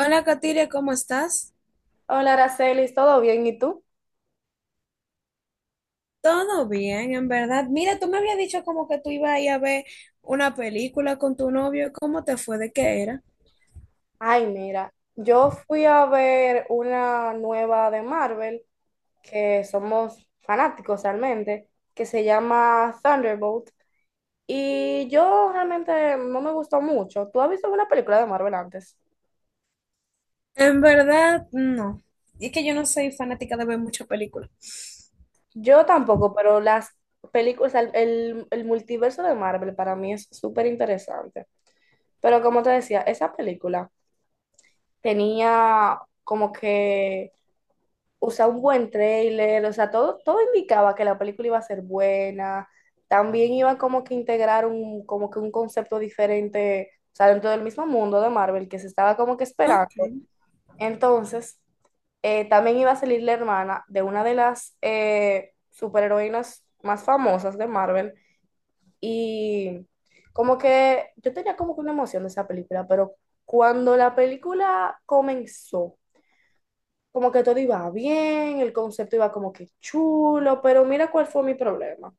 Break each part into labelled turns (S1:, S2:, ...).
S1: Hola, Katiria, ¿cómo estás?
S2: Hola, Aracelis, ¿todo bien? ¿Y tú?
S1: Todo bien, en verdad. Mira, tú me habías dicho como que tú ibas a ir a ver una película con tu novio. ¿Cómo te fue? ¿De qué era?
S2: Ay, mira, yo fui a ver una nueva de Marvel, que somos fanáticos realmente, que se llama Thunderbolt, y yo realmente no me gustó mucho. ¿Tú has visto una película de Marvel antes?
S1: En verdad, no. Es que yo no soy fanática de ver muchas películas.
S2: Yo tampoco, pero las películas, el multiverso de Marvel para mí es súper interesante. Pero como te decía, esa película tenía como que, o sea, un buen trailer, o sea, todo indicaba que la película iba a ser buena, también iba como que integrar como que un concepto diferente, o sea, dentro del mismo mundo de Marvel que se estaba como que
S1: Ok,
S2: esperando. Entonces, también iba a salir la hermana de una de las superheroínas más famosas de Marvel, y como que yo tenía como que una emoción de esa película, pero cuando la película comenzó, como que todo iba bien, el concepto iba como que chulo, pero mira cuál fue mi problema.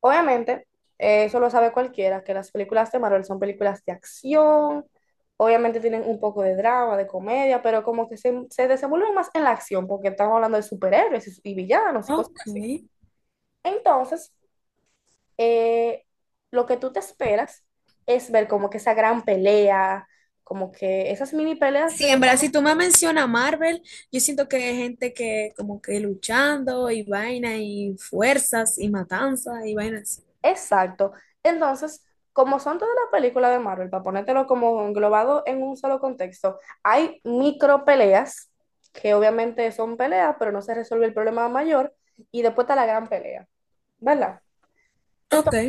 S2: Obviamente, eso lo sabe cualquiera, que las películas de Marvel son películas de acción, obviamente tienen un poco de drama, de comedia, pero como que se desenvuelven más en la acción, porque estamos hablando de superhéroes y villanos y cosas así.
S1: ok.
S2: Entonces, eh, lo que tú te esperas es ver como que esa gran pelea, como que esas mini peleas
S1: Sí,
S2: de.
S1: en verdad, si tú me mencionas Marvel, yo siento que hay gente que como que luchando y vaina y fuerzas y matanzas y vainas así.
S2: Exacto. Entonces, como son todas las películas de Marvel, para ponértelo como englobado en un solo contexto, hay micro peleas, que obviamente son peleas, pero no se resuelve el problema mayor, y después está la gran pelea, ¿verdad?
S1: Ok.
S2: Entonces,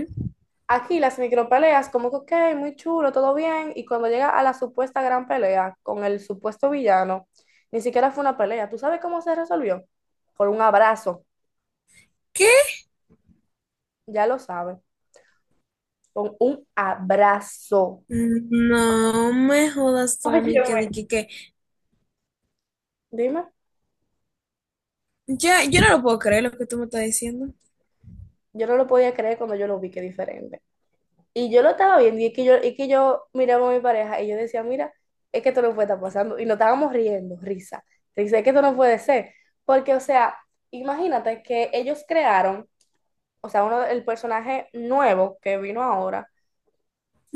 S2: aquí las micro peleas, como que, ok, muy chulo, todo bien, y cuando llega a la supuesta gran pelea con el supuesto villano, ni siquiera fue una pelea. ¿Tú sabes cómo se resolvió? Con un abrazo,
S1: ¿Qué?
S2: ya lo sabes, con un abrazo.
S1: No me jodas tú a mí que
S2: Óyeme.
S1: dije que.
S2: Dime.
S1: Ya, yo no lo puedo creer lo que tú me estás diciendo.
S2: Yo no lo podía creer cuando yo lo vi, que diferente. Y yo lo estaba viendo y es que yo miraba a mi pareja y yo decía, mira, es que esto no puede estar pasando. Y nos estábamos riendo, risa. Dice, es que esto no puede ser. Porque, o sea, imagínate que ellos crearon, o sea, uno, el personaje nuevo que vino ahora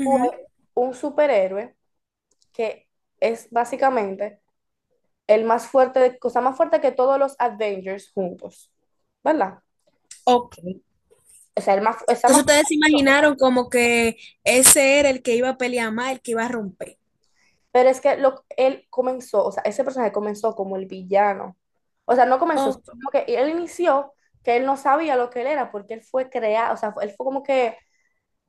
S2: fue un superhéroe que es básicamente el más fuerte, cosa más fuerte que todos los Avengers juntos, ¿verdad?
S1: Ok.
S2: O sea, el más, está
S1: Entonces
S2: más
S1: ustedes se
S2: fuerte.
S1: imaginaron como que ese era el que iba a pelear más, el que iba a romper.
S2: Pero es que él comenzó, o sea, ese personaje comenzó como el villano. O sea, no comenzó,
S1: Ok.
S2: sino como que él inició, que él no sabía lo que él era porque él fue creado, o sea, él fue como que,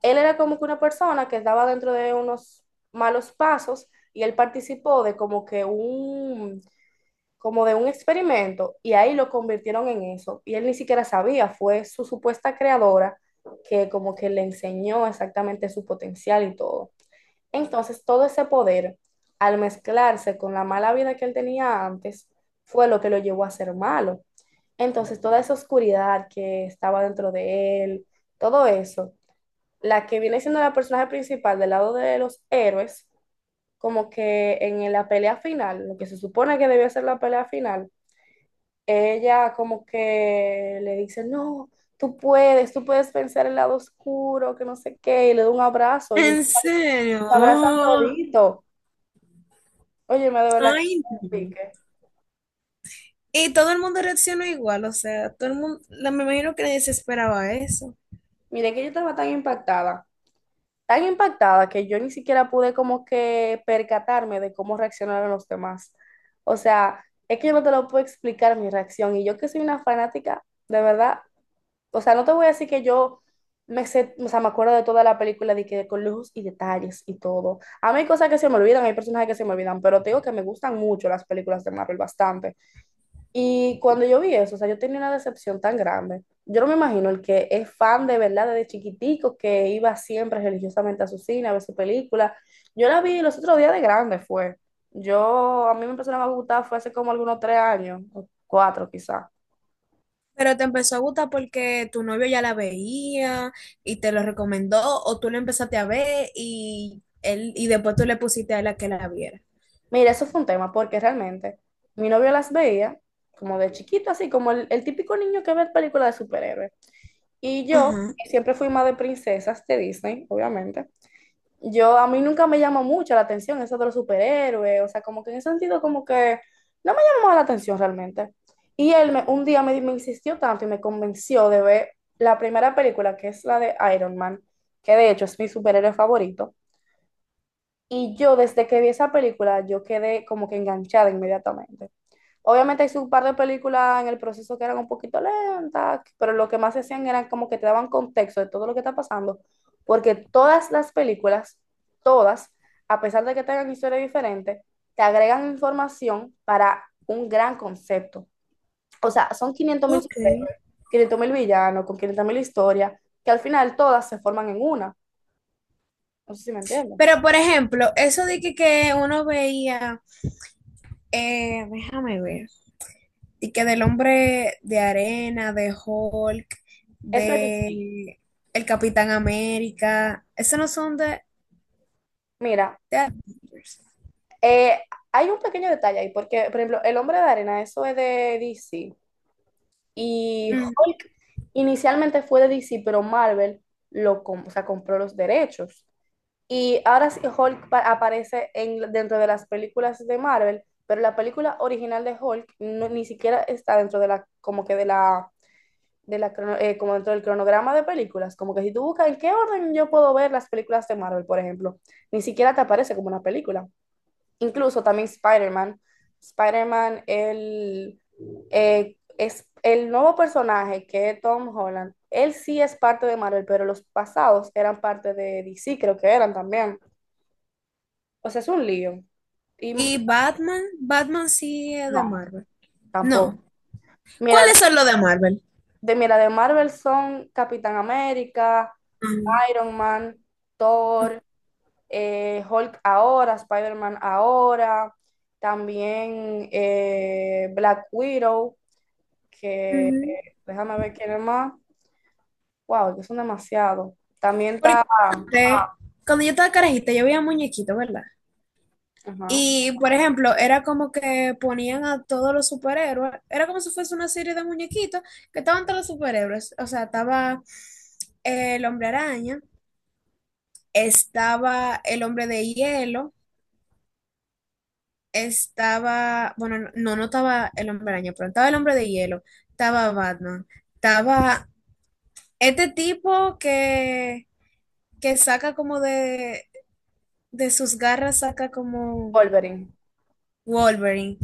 S2: él era como que una persona que estaba dentro de unos malos pasos y él participó de como que un, como de un experimento y ahí lo convirtieron en eso. Y él ni siquiera sabía, fue su supuesta creadora que como que le enseñó exactamente su potencial y todo. Entonces, todo ese poder, al mezclarse con la mala vida que él tenía antes, fue lo que lo llevó a ser malo. Entonces, toda esa oscuridad que estaba dentro de él, todo eso, la que viene siendo la personaje principal del lado de los héroes, como que en la pelea final, lo que se supone que debió ser la pelea final, ella como que le dice, no, tú puedes vencer el lado oscuro, que no sé qué, y le da un abrazo y se
S1: ¿En serio?
S2: abrazan todito. Oye, me de la
S1: Ay, no.
S2: pique.
S1: Y todo el mundo reaccionó igual, o sea, todo el mundo, me imagino que nadie se esperaba eso.
S2: Mire que yo estaba tan impactada que yo ni siquiera pude como que percatarme de cómo reaccionaron los demás. O sea, es que yo no te lo puedo explicar mi reacción. Y yo que soy una fanática, de verdad. O sea, no te voy a decir que yo me sé, o sea, me acuerdo de toda la película, de que con lujos y detalles y todo. A mí hay cosas que se me olvidan, hay personajes que se me olvidan, pero te digo que me gustan mucho las películas de Marvel, bastante. Y cuando yo vi eso, o sea, yo tenía una decepción tan grande. Yo no me imagino el que es fan de verdad desde chiquitico, que iba siempre religiosamente a su cine a ver su película. Yo la vi los otros días de grande, fue. Yo, a mí me empezaron a gustar, fue hace como algunos 3 años, o 4 quizás.
S1: Pero te empezó a gustar porque tu novio ya la veía y te lo recomendó, o tú la empezaste a ver y él, y después tú le pusiste a él a que la viera.
S2: Mira, eso fue un tema, porque realmente mi novio las veía como de chiquito, así como el típico niño que ve películas de superhéroes. Y yo
S1: Ajá,
S2: que siempre fui más de princesas de Disney, obviamente. Yo a mí nunca me llama mucho la atención eso de los superhéroes, o sea, como que en ese sentido, como que no me llamó la atención realmente. Y él un día me insistió tanto y me convenció de ver la primera película, que es la de Iron Man, que de hecho es mi superhéroe favorito. Y yo desde que vi esa película, yo quedé como que enganchada inmediatamente. Obviamente hay un par de películas en el proceso que eran un poquito lentas, pero lo que más hacían era como que te daban contexto de todo lo que está pasando, porque todas las películas, todas, a pesar de que tengan historias diferentes, te agregan información para un gran concepto. O sea, son
S1: ok.
S2: 500 mil villanos, con 500 mil historias, que al final todas se forman en una. No sé si me entienden.
S1: Pero, por ejemplo, eso de que uno veía, déjame ver, y que del hombre de arena, de Hulk,
S2: Eso es D C.
S1: de el Capitán América, esos no son
S2: Mira,
S1: de Avengers.
S2: eh, hay un pequeño detalle ahí, porque, por ejemplo, El Hombre de Arena, eso es de DC. Y
S1: Mm.
S2: Hulk inicialmente fue de DC, pero Marvel lo o sea, compró los derechos. Y ahora sí Hulk aparece en, dentro de las películas de Marvel, pero la película original de Hulk ni siquiera está dentro de la, como que de la, como dentro del cronograma de películas. Como que si tú buscas en qué orden yo puedo ver las películas de Marvel, por ejemplo, ni siquiera te aparece como una película, incluso también Spider-Man. Spider-Man, el, es el nuevo personaje que es Tom Holland. Él sí es parte de Marvel, pero los pasados eran parte de DC, creo que eran también. O sea, es un lío. Y m-
S1: Y Batman, Batman sí es de
S2: no,
S1: Marvel.
S2: tampoco.
S1: No.
S2: Mira,
S1: ¿Cuáles son los de Marvel?
S2: mira, de Marvel son Capitán América,
S1: Ujú.
S2: Iron Man, Thor, Hulk ahora, Spider-Man ahora, también Black Widow, que
S1: Ujú.
S2: déjame ver quién es más. Wow, que son demasiados. También está.
S1: Porque antes, cuando yo estaba carajita, yo veía muñequitos, ¿verdad?
S2: Ajá.
S1: Y, por ejemplo, era como que ponían a todos los superhéroes, era como si fuese una serie de muñequitos que estaban todos los superhéroes. O sea, estaba el hombre araña, estaba el hombre de hielo, estaba, bueno, no, estaba el hombre araña, pero estaba el hombre de hielo, estaba Batman, estaba este tipo que saca como de sus garras, saca como
S2: Wolverine.
S1: Wolverine.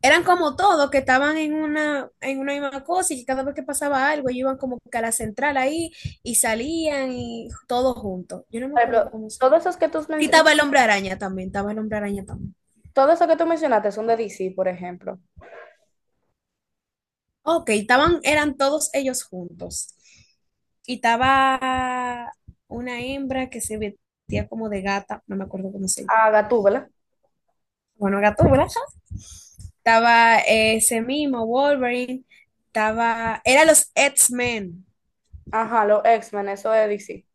S1: Eran como todos que estaban en una misma cosa y que cada vez que pasaba algo, ellos iban como que a la central ahí y salían y todos juntos. Yo no me
S2: Por
S1: acuerdo
S2: ejemplo,
S1: cómo se. Y estaba el hombre araña también, estaba el hombre araña también.
S2: todo eso que tú mencionaste son de DC, por ejemplo.
S1: Ok, estaban, eran todos ellos juntos. Y estaba una hembra que se vestía como de gata, no me acuerdo cómo se llama.
S2: A Gatúbela.
S1: Bueno, gato, ¿verdad? Estaba ese mismo Wolverine, estaba, eran los X-Men.
S2: Ajá, los X-Men, eso de DC.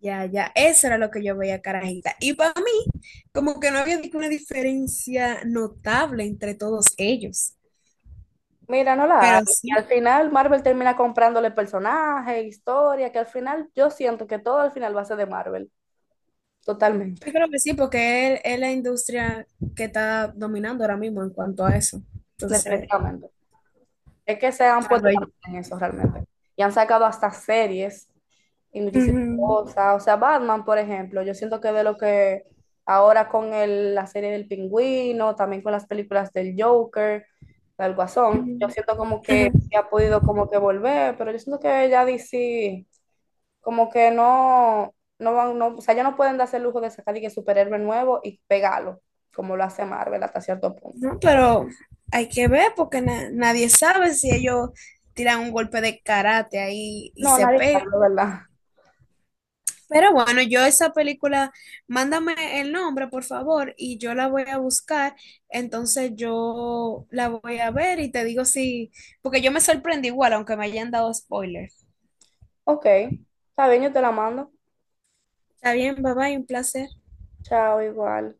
S1: Ya, ya, eso era lo que yo veía, carajita. Y para mí, como que no había ninguna diferencia notable entre todos ellos.
S2: Mira, no la
S1: Pero
S2: hay. Y al
S1: sí,
S2: final Marvel termina comprándole personajes, historia, que al final yo siento que todo al final va a ser de Marvel. Totalmente,
S1: yo creo que sí, porque es la industria que está dominando ahora mismo en cuanto a eso. Entonces,
S2: definitivamente. Es que se han
S1: tal
S2: puesto
S1: vez.
S2: en eso realmente. Y han sacado hasta series y muchísimas
S1: Ujú,
S2: cosas. O sea, Batman, por ejemplo, yo siento que de lo que ahora con la serie del Pingüino, también con las películas del Joker, del Guasón, yo
S1: ujú,
S2: siento como
S1: ajá.
S2: que sí ha podido como que volver, pero yo siento que ya DC como que no, no van, no, o sea, ya no pueden darse el lujo de sacar y que superhéroe nuevo y pegarlo, como lo hace Marvel hasta cierto punto.
S1: No, pero hay que ver porque nadie sabe si ellos tiran un golpe de karate ahí y
S2: No,
S1: se
S2: nadie
S1: pegan.
S2: sabe, ¿verdad?
S1: Pero bueno, yo esa película, mándame el nombre, por favor, y yo la voy a buscar. Entonces yo la voy a ver y te digo si, porque yo me sorprendí igual, aunque me hayan dado spoilers.
S2: Ok, está bien, yo te la mando.
S1: Está bien, bye bye, un placer.
S2: Chao, igual.